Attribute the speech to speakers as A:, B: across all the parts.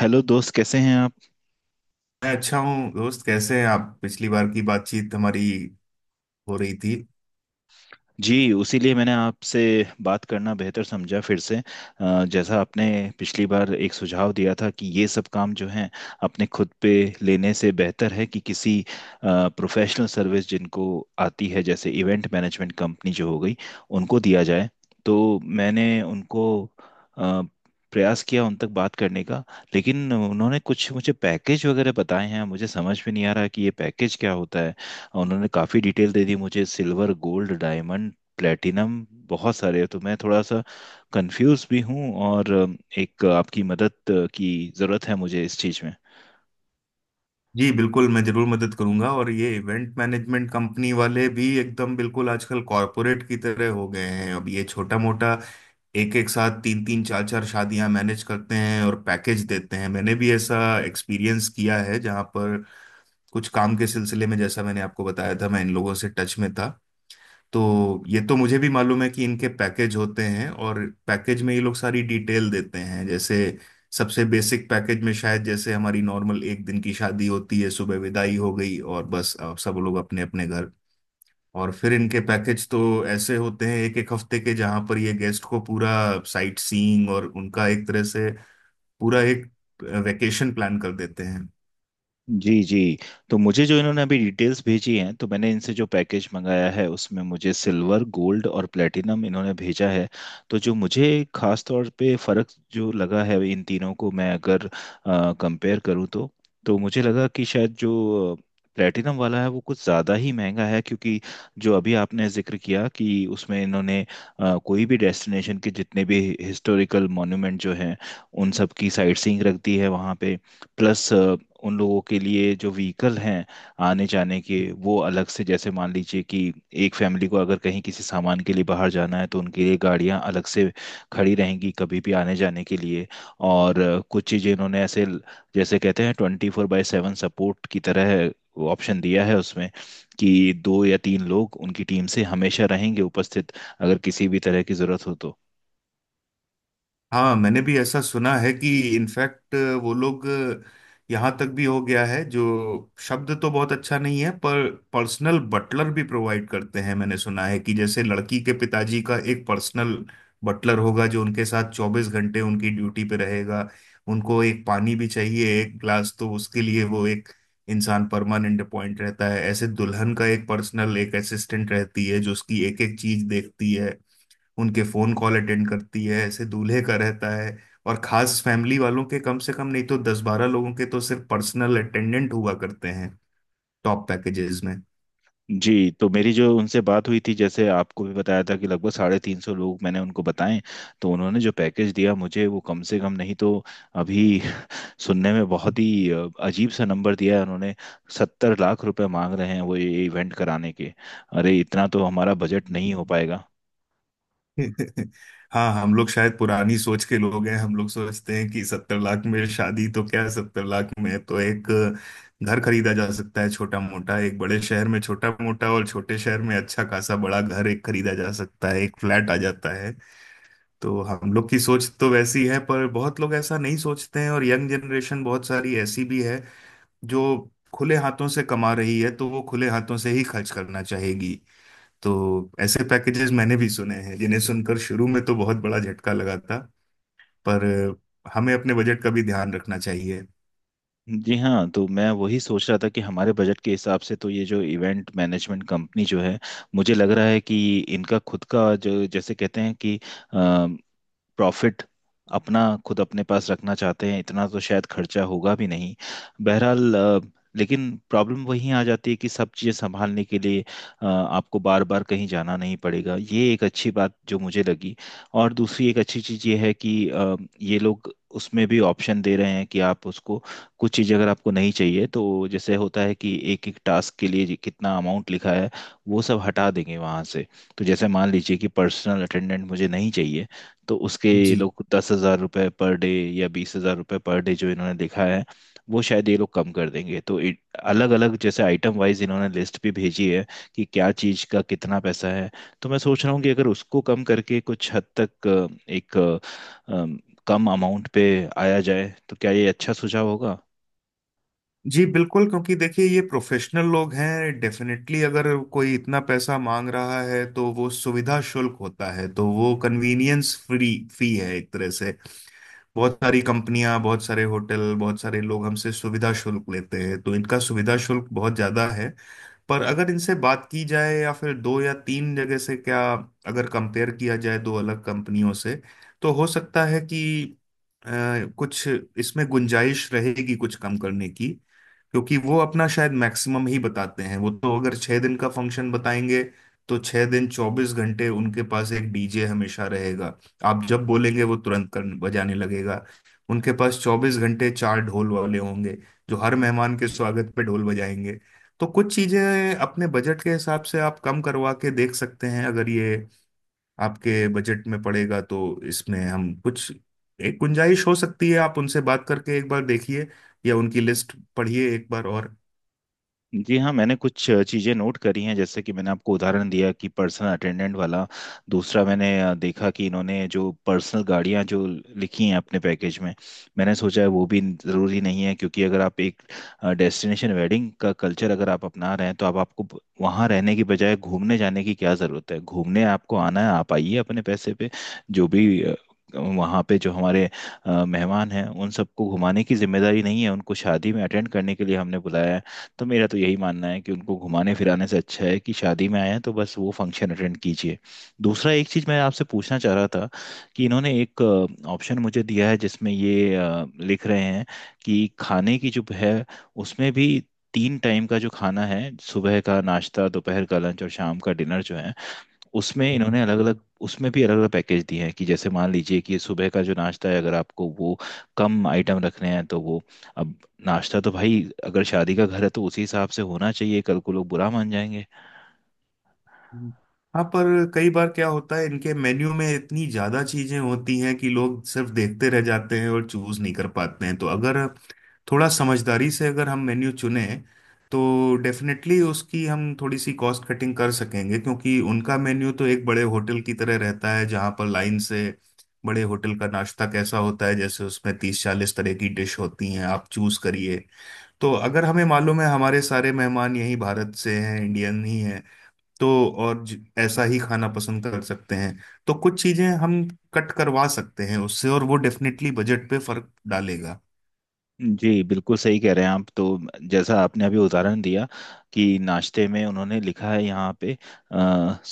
A: Hello दोस्त, कैसे हैं आप।
B: मैं अच्छा हूँ, दोस्त। कैसे हैं आप? पिछली बार की बातचीत हमारी हो रही थी।
A: जी, उसी लिए मैंने आपसे बात करना बेहतर समझा फिर से। जैसा आपने पिछली बार एक सुझाव दिया था कि ये सब काम जो हैं अपने खुद पे लेने से बेहतर है कि किसी प्रोफेशनल सर्विस जिनको आती है, जैसे इवेंट मैनेजमेंट कंपनी जो हो गई, उनको दिया जाए। तो मैंने उनको अ, प्रयास किया उन तक बात करने का। लेकिन उन्होंने कुछ मुझे पैकेज वगैरह बताए हैं, मुझे समझ में नहीं आ रहा कि ये पैकेज क्या होता है। और उन्होंने काफ़ी डिटेल दे दी मुझे, सिल्वर गोल्ड डायमंड प्लेटिनम बहुत सारे हैं। तो मैं थोड़ा सा कंफ्यूज भी हूँ, और एक आपकी मदद की ज़रूरत है मुझे इस चीज़ में।
B: जी बिल्कुल, मैं जरूर मदद करूंगा। और ये इवेंट मैनेजमेंट कंपनी वाले भी एकदम बिल्कुल आजकल कॉरपोरेट की तरह हो गए हैं। अब ये छोटा मोटा, एक एक साथ तीन तीन चार चार शादियां मैनेज करते हैं और पैकेज देते हैं। मैंने भी ऐसा एक्सपीरियंस किया है, जहाँ पर कुछ काम के सिलसिले में, जैसा मैंने आपको बताया था, मैं इन लोगों से टच में था। तो ये तो मुझे भी मालूम है कि इनके पैकेज होते हैं, और पैकेज में ये लोग सारी डिटेल देते हैं। जैसे सबसे बेसिक पैकेज में शायद, जैसे हमारी नॉर्मल एक दिन की शादी होती है, सुबह विदाई हो गई और बस अब सब लोग अपने अपने घर। और फिर इनके पैकेज तो ऐसे होते हैं एक एक हफ्ते के, जहां पर ये गेस्ट को पूरा साइट सीइंग और उनका एक तरह से पूरा एक वेकेशन प्लान कर देते हैं।
A: जी जी। तो मुझे जो इन्होंने अभी डिटेल्स भेजी हैं, तो मैंने इनसे जो पैकेज मंगाया है उसमें मुझे सिल्वर गोल्ड और प्लेटिनम इन्होंने भेजा है। तो जो मुझे खास तौर पे फ़र्क जो लगा है इन तीनों को मैं अगर कंपेयर करूँ, तो मुझे लगा कि शायद जो प्लेटिनम वाला है वो कुछ ज़्यादा ही महंगा है, क्योंकि जो अभी आपने जिक्र किया कि उसमें इन्होंने कोई भी डेस्टिनेशन के जितने भी हिस्टोरिकल मॉन्यूमेंट जो हैं उन सब की साइट सीइंग रख दी है वहाँ पे। प्लस उन लोगों के लिए जो व्हीकल हैं आने जाने के, वो अलग से। जैसे मान लीजिए कि एक फैमिली को अगर कहीं किसी सामान के लिए बाहर जाना है तो उनके लिए गाड़ियां अलग से खड़ी रहेंगी कभी भी आने जाने के लिए। और कुछ चीज़ें इन्होंने ऐसे जैसे कहते हैं, 24/7 सपोर्ट की तरह ऑप्शन दिया है उसमें, कि दो या तीन लोग उनकी टीम से हमेशा रहेंगे उपस्थित, अगर किसी भी तरह की ज़रूरत हो तो।
B: हाँ, मैंने भी ऐसा सुना है कि इनफैक्ट वो लोग, यहाँ तक भी हो गया है, जो शब्द तो बहुत अच्छा नहीं है पर पर्सनल बटलर भी प्रोवाइड करते हैं। मैंने सुना है कि जैसे लड़की के पिताजी का एक पर्सनल बटलर होगा, जो उनके साथ 24 घंटे उनकी ड्यूटी पे रहेगा। उनको एक पानी भी चाहिए एक ग्लास, तो उसके लिए वो एक इंसान परमानेंट अपॉइंट रहता है। ऐसे दुल्हन का एक पर्सनल, एक असिस्टेंट रहती है जो उसकी एक एक चीज देखती है, उनके फोन कॉल अटेंड करती है। ऐसे दूल्हे का रहता है। और खास फैमिली वालों के, कम से कम नहीं तो 10-12 लोगों के तो सिर्फ पर्सनल अटेंडेंट हुआ करते हैं टॉप पैकेजेस में।
A: जी। तो मेरी जो उनसे बात हुई थी, जैसे आपको भी बताया था कि लगभग 350 लोग मैंने उनको बताएं, तो उन्होंने जो पैकेज दिया मुझे, वो कम से कम नहीं तो अभी सुनने में बहुत ही अजीब सा नंबर दिया है उन्होंने। 70 लाख रुपए मांग रहे हैं वो ये इवेंट कराने के। अरे, इतना तो हमारा बजट नहीं हो पाएगा।
B: हाँ, हम लोग शायद पुरानी सोच के लोग हैं। हम लोग सोचते हैं कि 70 लाख में शादी तो क्या, 70 लाख में तो एक घर खरीदा जा सकता है, छोटा मोटा। एक बड़े शहर में छोटा मोटा और छोटे शहर में अच्छा खासा बड़ा घर एक खरीदा जा सकता है, एक फ्लैट आ जाता। तो हम लोग की सोच तो वैसी है, पर बहुत लोग ऐसा नहीं सोचते हैं। और यंग जनरेशन बहुत सारी ऐसी भी है जो खुले हाथों से कमा रही है, तो वो खुले हाथों से ही खर्च करना चाहेगी। तो ऐसे पैकेजेस मैंने भी सुने हैं जिन्हें सुनकर शुरू में तो बहुत बड़ा झटका लगा था। पर हमें अपने बजट का भी ध्यान रखना चाहिए।
A: जी हाँ, तो मैं वही सोच रहा था कि हमारे बजट के हिसाब से तो ये जो इवेंट मैनेजमेंट कंपनी जो है, मुझे लग रहा है कि इनका खुद का जो, जैसे कहते हैं कि प्रॉफिट, अपना खुद अपने पास रखना चाहते हैं। इतना तो शायद खर्चा होगा भी नहीं। बहरहाल, लेकिन प्रॉब्लम वहीं आ जाती है कि सब चीज़ें संभालने के लिए आपको बार बार कहीं जाना नहीं पड़ेगा, ये एक अच्छी बात जो मुझे लगी। और दूसरी एक अच्छी चीज़ ये है कि ये लोग उसमें भी ऑप्शन दे रहे हैं कि आप उसको, कुछ चीज़ अगर आपको नहीं चाहिए तो, जैसे होता है कि एक एक टास्क के लिए कितना अमाउंट लिखा है, वो सब हटा देंगे वहाँ से। तो जैसे मान लीजिए कि पर्सनल अटेंडेंट मुझे नहीं चाहिए, तो उसके ये
B: जी,
A: लोग 10,000 रुपये पर डे या 20,000 रुपये पर डे जो इन्होंने लिखा है, वो शायद ये लोग कम कर देंगे। तो अलग अलग जैसे आइटम वाइज इन्होंने लिस्ट भी भेजी है कि क्या चीज़ का कितना पैसा है। तो मैं सोच रहा हूँ कि अगर उसको कम करके कुछ हद तक एक अ, अम, कम अमाउंट पे आया जाए, तो क्या ये अच्छा सुझाव होगा।
B: जी बिल्कुल। क्योंकि देखिए, ये प्रोफेशनल लोग हैं, डेफिनेटली। अगर कोई इतना पैसा मांग रहा है तो वो सुविधा शुल्क होता है। तो वो कन्वीनियंस फ्री फी है एक तरह से। बहुत सारी कंपनियां, बहुत सारे होटल, बहुत सारे लोग हमसे सुविधा शुल्क लेते हैं, तो इनका सुविधा शुल्क बहुत ज्यादा है। पर अगर इनसे बात की जाए या फिर दो या तीन जगह से क्या, अगर कंपेयर किया जाए दो अलग कंपनियों से, तो हो सकता है कि अ, कुछ इसमें गुंजाइश रहेगी कुछ कम करने की। क्योंकि वो अपना शायद मैक्सिमम ही बताते हैं। वो तो अगर 6 दिन का फंक्शन बताएंगे तो 6 दिन 24 घंटे उनके पास एक डीजे हमेशा रहेगा। आप जब बोलेंगे वो तुरंत कर बजाने लगेगा। उनके पास 24 घंटे चार ढोल वाले होंगे जो हर मेहमान के स्वागत पे ढोल बजाएंगे। तो कुछ चीजें अपने बजट के हिसाब से आप कम करवा के देख सकते हैं। अगर ये आपके बजट में पड़ेगा तो इसमें हम कुछ एक गुंजाइश हो सकती है। आप उनसे बात करके एक बार देखिए, या उनकी लिस्ट पढ़िए एक बार और।
A: जी हाँ, मैंने कुछ चीज़ें नोट करी हैं, जैसे कि मैंने आपको उदाहरण दिया कि पर्सनल अटेंडेंट वाला। दूसरा, मैंने देखा कि इन्होंने जो पर्सनल गाड़ियाँ जो लिखी हैं अपने पैकेज में, मैंने सोचा है वो भी ज़रूरी नहीं है। क्योंकि अगर आप एक डेस्टिनेशन वेडिंग का कल्चर अगर आप अपना रहे हैं तो आप, आपको वहाँ रहने की बजाय घूमने जाने की क्या ज़रूरत है। घूमने आपको आना है, आप आइए अपने पैसे पे। जो भी वहाँ पे जो हमारे मेहमान हैं, उन सबको घुमाने की जिम्मेदारी नहीं है। उनको शादी में अटेंड करने के लिए हमने बुलाया है। तो मेरा तो यही मानना है कि उनको घुमाने फिराने से अच्छा है कि शादी में आए हैं तो बस वो फंक्शन अटेंड कीजिए। दूसरा एक चीज़ मैं आपसे पूछना चाह रहा था, कि इन्होंने एक ऑप्शन मुझे दिया है जिसमें ये लिख रहे हैं कि खाने की जो है उसमें भी, तीन टाइम का जो खाना है, सुबह का नाश्ता, दोपहर का लंच और शाम का डिनर जो है, उसमें
B: हम्म।
A: इन्होंने अलग अलग, उसमें भी अलग अलग पैकेज दिए हैं, कि जैसे मान लीजिए कि सुबह का जो नाश्ता है, अगर आपको वो कम आइटम रखने हैं तो वो। अब, नाश्ता तो भाई, अगर शादी का घर है तो उसी हिसाब से होना चाहिए, कल को लोग बुरा मान जाएंगे।
B: हाँ, पर कई बार क्या होता है, इनके मेन्यू में इतनी ज्यादा चीजें होती हैं कि लोग सिर्फ देखते रह जाते हैं और चूज नहीं कर पाते हैं। तो अगर थोड़ा समझदारी से अगर हम मेन्यू चुने, तो डेफिनेटली उसकी हम थोड़ी सी कॉस्ट कटिंग कर सकेंगे। क्योंकि उनका मेन्यू तो एक बड़े होटल की तरह रहता है, जहाँ पर लाइन से, बड़े होटल का नाश्ता कैसा होता है जैसे, उसमें 30-40 तरह की डिश होती हैं, आप चूज करिए। तो अगर हमें मालूम है हमारे सारे मेहमान यही भारत से हैं, इंडियन ही हैं, तो और ऐसा ही खाना पसंद कर सकते हैं। तो कुछ चीजें हम कट करवा सकते हैं उससे, और वो डेफिनेटली बजट पे फर्क डालेगा।
A: जी बिल्कुल सही कह रहे हैं आप। तो जैसा आपने अभी उदाहरण दिया कि नाश्ते में उन्होंने लिखा है यहाँ पे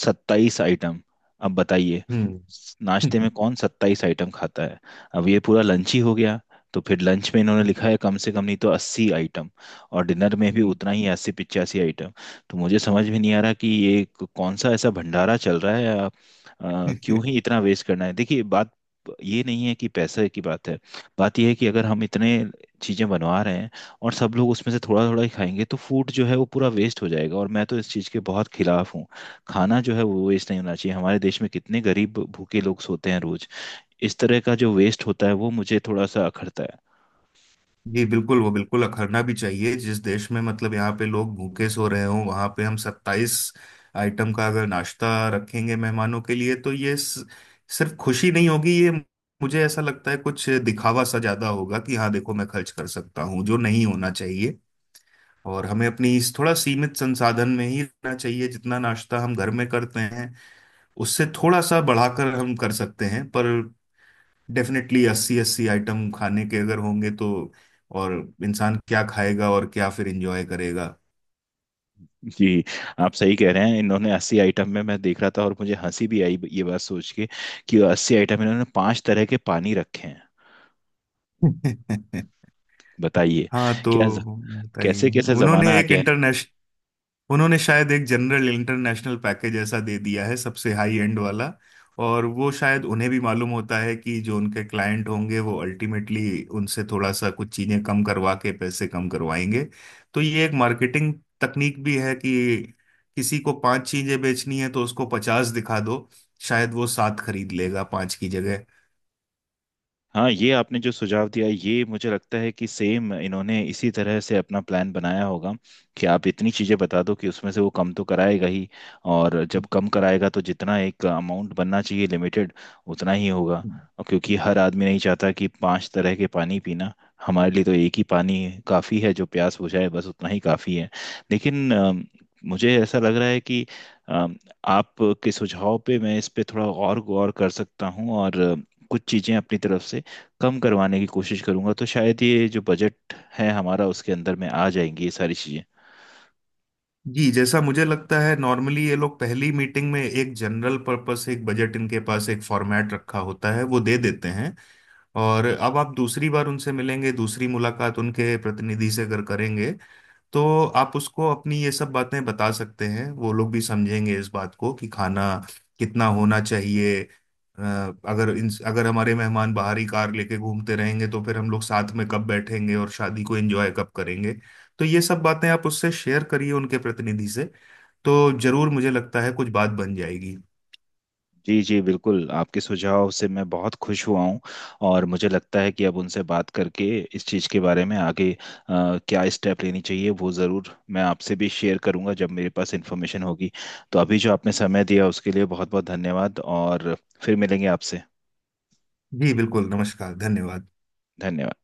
A: 27 आइटम। अब बताइए,
B: हम्म।
A: नाश्ते में कौन 27 आइटम खाता है। अब ये पूरा लंच ही हो गया। तो फिर लंच में इन्होंने लिखा है कम से कम नहीं तो 80 आइटम। और डिनर में भी
B: हम्म।
A: उतना ही, 80-85 आइटम। तो मुझे समझ में नहीं आ रहा कि ये कौन सा ऐसा भंडारा चल रहा है, या क्यों ही इतना वेस्ट करना है। देखिए, बात ये नहीं है कि पैसे की बात है। बात यह है कि अगर हम इतने चीज़ें बनवा रहे हैं, और सब लोग उसमें से थोड़ा थोड़ा ही खाएंगे, तो फूड जो है वो पूरा वेस्ट हो जाएगा, और मैं तो इस चीज़ के बहुत खिलाफ हूँ। खाना जो है वो वेस्ट नहीं होना चाहिए। हमारे देश में कितने गरीब भूखे लोग सोते हैं रोज। इस तरह का जो वेस्ट होता है वो मुझे थोड़ा सा अखरता है।
B: जी बिल्कुल, वो बिल्कुल अखरना भी चाहिए। जिस देश में मतलब यहाँ पे लोग भूखे सो रहे हों, वहां पे हम 27 आइटम का अगर नाश्ता रखेंगे मेहमानों के लिए, तो ये सिर्फ खुशी नहीं होगी ये, मुझे ऐसा लगता है कुछ दिखावा सा ज्यादा होगा, कि हाँ देखो मैं खर्च कर सकता हूँ, जो नहीं होना चाहिए। और हमें अपनी इस थोड़ा सीमित संसाधन में ही रहना चाहिए। जितना नाश्ता हम घर में करते हैं उससे थोड़ा सा बढ़ाकर हम कर सकते हैं, पर डेफिनेटली अस्सी अस्सी आइटम खाने के अगर होंगे तो और इंसान क्या खाएगा और क्या फिर एंजॉय करेगा?
A: जी, आप सही कह रहे हैं। इन्होंने 80 आइटम में, मैं देख रहा था और मुझे हंसी भी आई ये बात सोच के, कि 80 आइटम इन्होंने पांच तरह के पानी रखे हैं। बताइए,
B: हाँ, तो
A: क्या।
B: बताइए।
A: कैसे कैसे
B: उन्होंने
A: जमाना आ
B: एक
A: गया है।
B: इंटरनेशनल उन्होंने शायद एक जनरल इंटरनेशनल पैकेज ऐसा दे दिया है, सबसे हाई एंड वाला। और वो शायद उन्हें भी मालूम होता है कि जो उनके क्लाइंट होंगे वो अल्टीमेटली उनसे थोड़ा सा कुछ चीजें कम करवा के पैसे कम करवाएंगे। तो ये एक मार्केटिंग तकनीक भी है कि किसी को पांच चीजें बेचनी है तो उसको 50 दिखा दो, शायद वो सात खरीद लेगा पांच की जगह।
A: हाँ, ये आपने जो सुझाव दिया, ये मुझे लगता है कि सेम इन्होंने इसी तरह से अपना प्लान बनाया होगा, कि आप इतनी चीज़ें बता दो कि उसमें से वो कम तो कराएगा ही। और जब कम कराएगा, तो जितना एक अमाउंट बनना चाहिए लिमिटेड, उतना ही होगा। और क्योंकि हर आदमी नहीं चाहता कि पांच तरह के पानी पीना। हमारे लिए तो एक ही पानी काफ़ी है, जो प्यास बुझाए, बस उतना ही काफ़ी है। लेकिन मुझे ऐसा लग रहा है कि अम, आप के सुझाव पे मैं इस पे थोड़ा और गौर कर सकता हूँ, और कुछ चीज़ें अपनी तरफ से कम करवाने की कोशिश करूंगा, तो शायद ये जो बजट है हमारा, उसके अंदर में आ जाएंगी ये सारी चीज़ें।
B: जी, जैसा मुझे लगता है नॉर्मली ये लोग पहली मीटिंग में एक जनरल पर्पस, एक बजट, इनके पास एक फॉर्मेट रखा होता है वो दे देते हैं। और अब आप दूसरी बार उनसे मिलेंगे, दूसरी मुलाकात उनके प्रतिनिधि से अगर करेंगे, तो आप उसको अपनी ये सब बातें बता सकते हैं। वो लोग भी समझेंगे इस बात को कि खाना कितना होना चाहिए, अगर हमारे मेहमान बाहरी कार लेके घूमते रहेंगे तो फिर हम लोग साथ में कब बैठेंगे और शादी को एंजॉय कब करेंगे। तो ये सब बातें आप उससे शेयर करिए उनके प्रतिनिधि से, तो जरूर मुझे लगता है कुछ बात बन जाएगी।
A: जी जी बिल्कुल, आपके सुझाव से मैं बहुत खुश हुआ हूँ। और मुझे लगता है कि अब उनसे बात करके इस चीज़ के बारे में आगे क्या स्टेप लेनी चाहिए, वो ज़रूर मैं आपसे भी शेयर करूंगा जब मेरे पास इन्फॉर्मेशन होगी। तो अभी जो आपने समय दिया उसके लिए बहुत बहुत धन्यवाद। और फिर मिलेंगे आपसे।
B: जी बिल्कुल। नमस्कार, धन्यवाद।
A: धन्यवाद।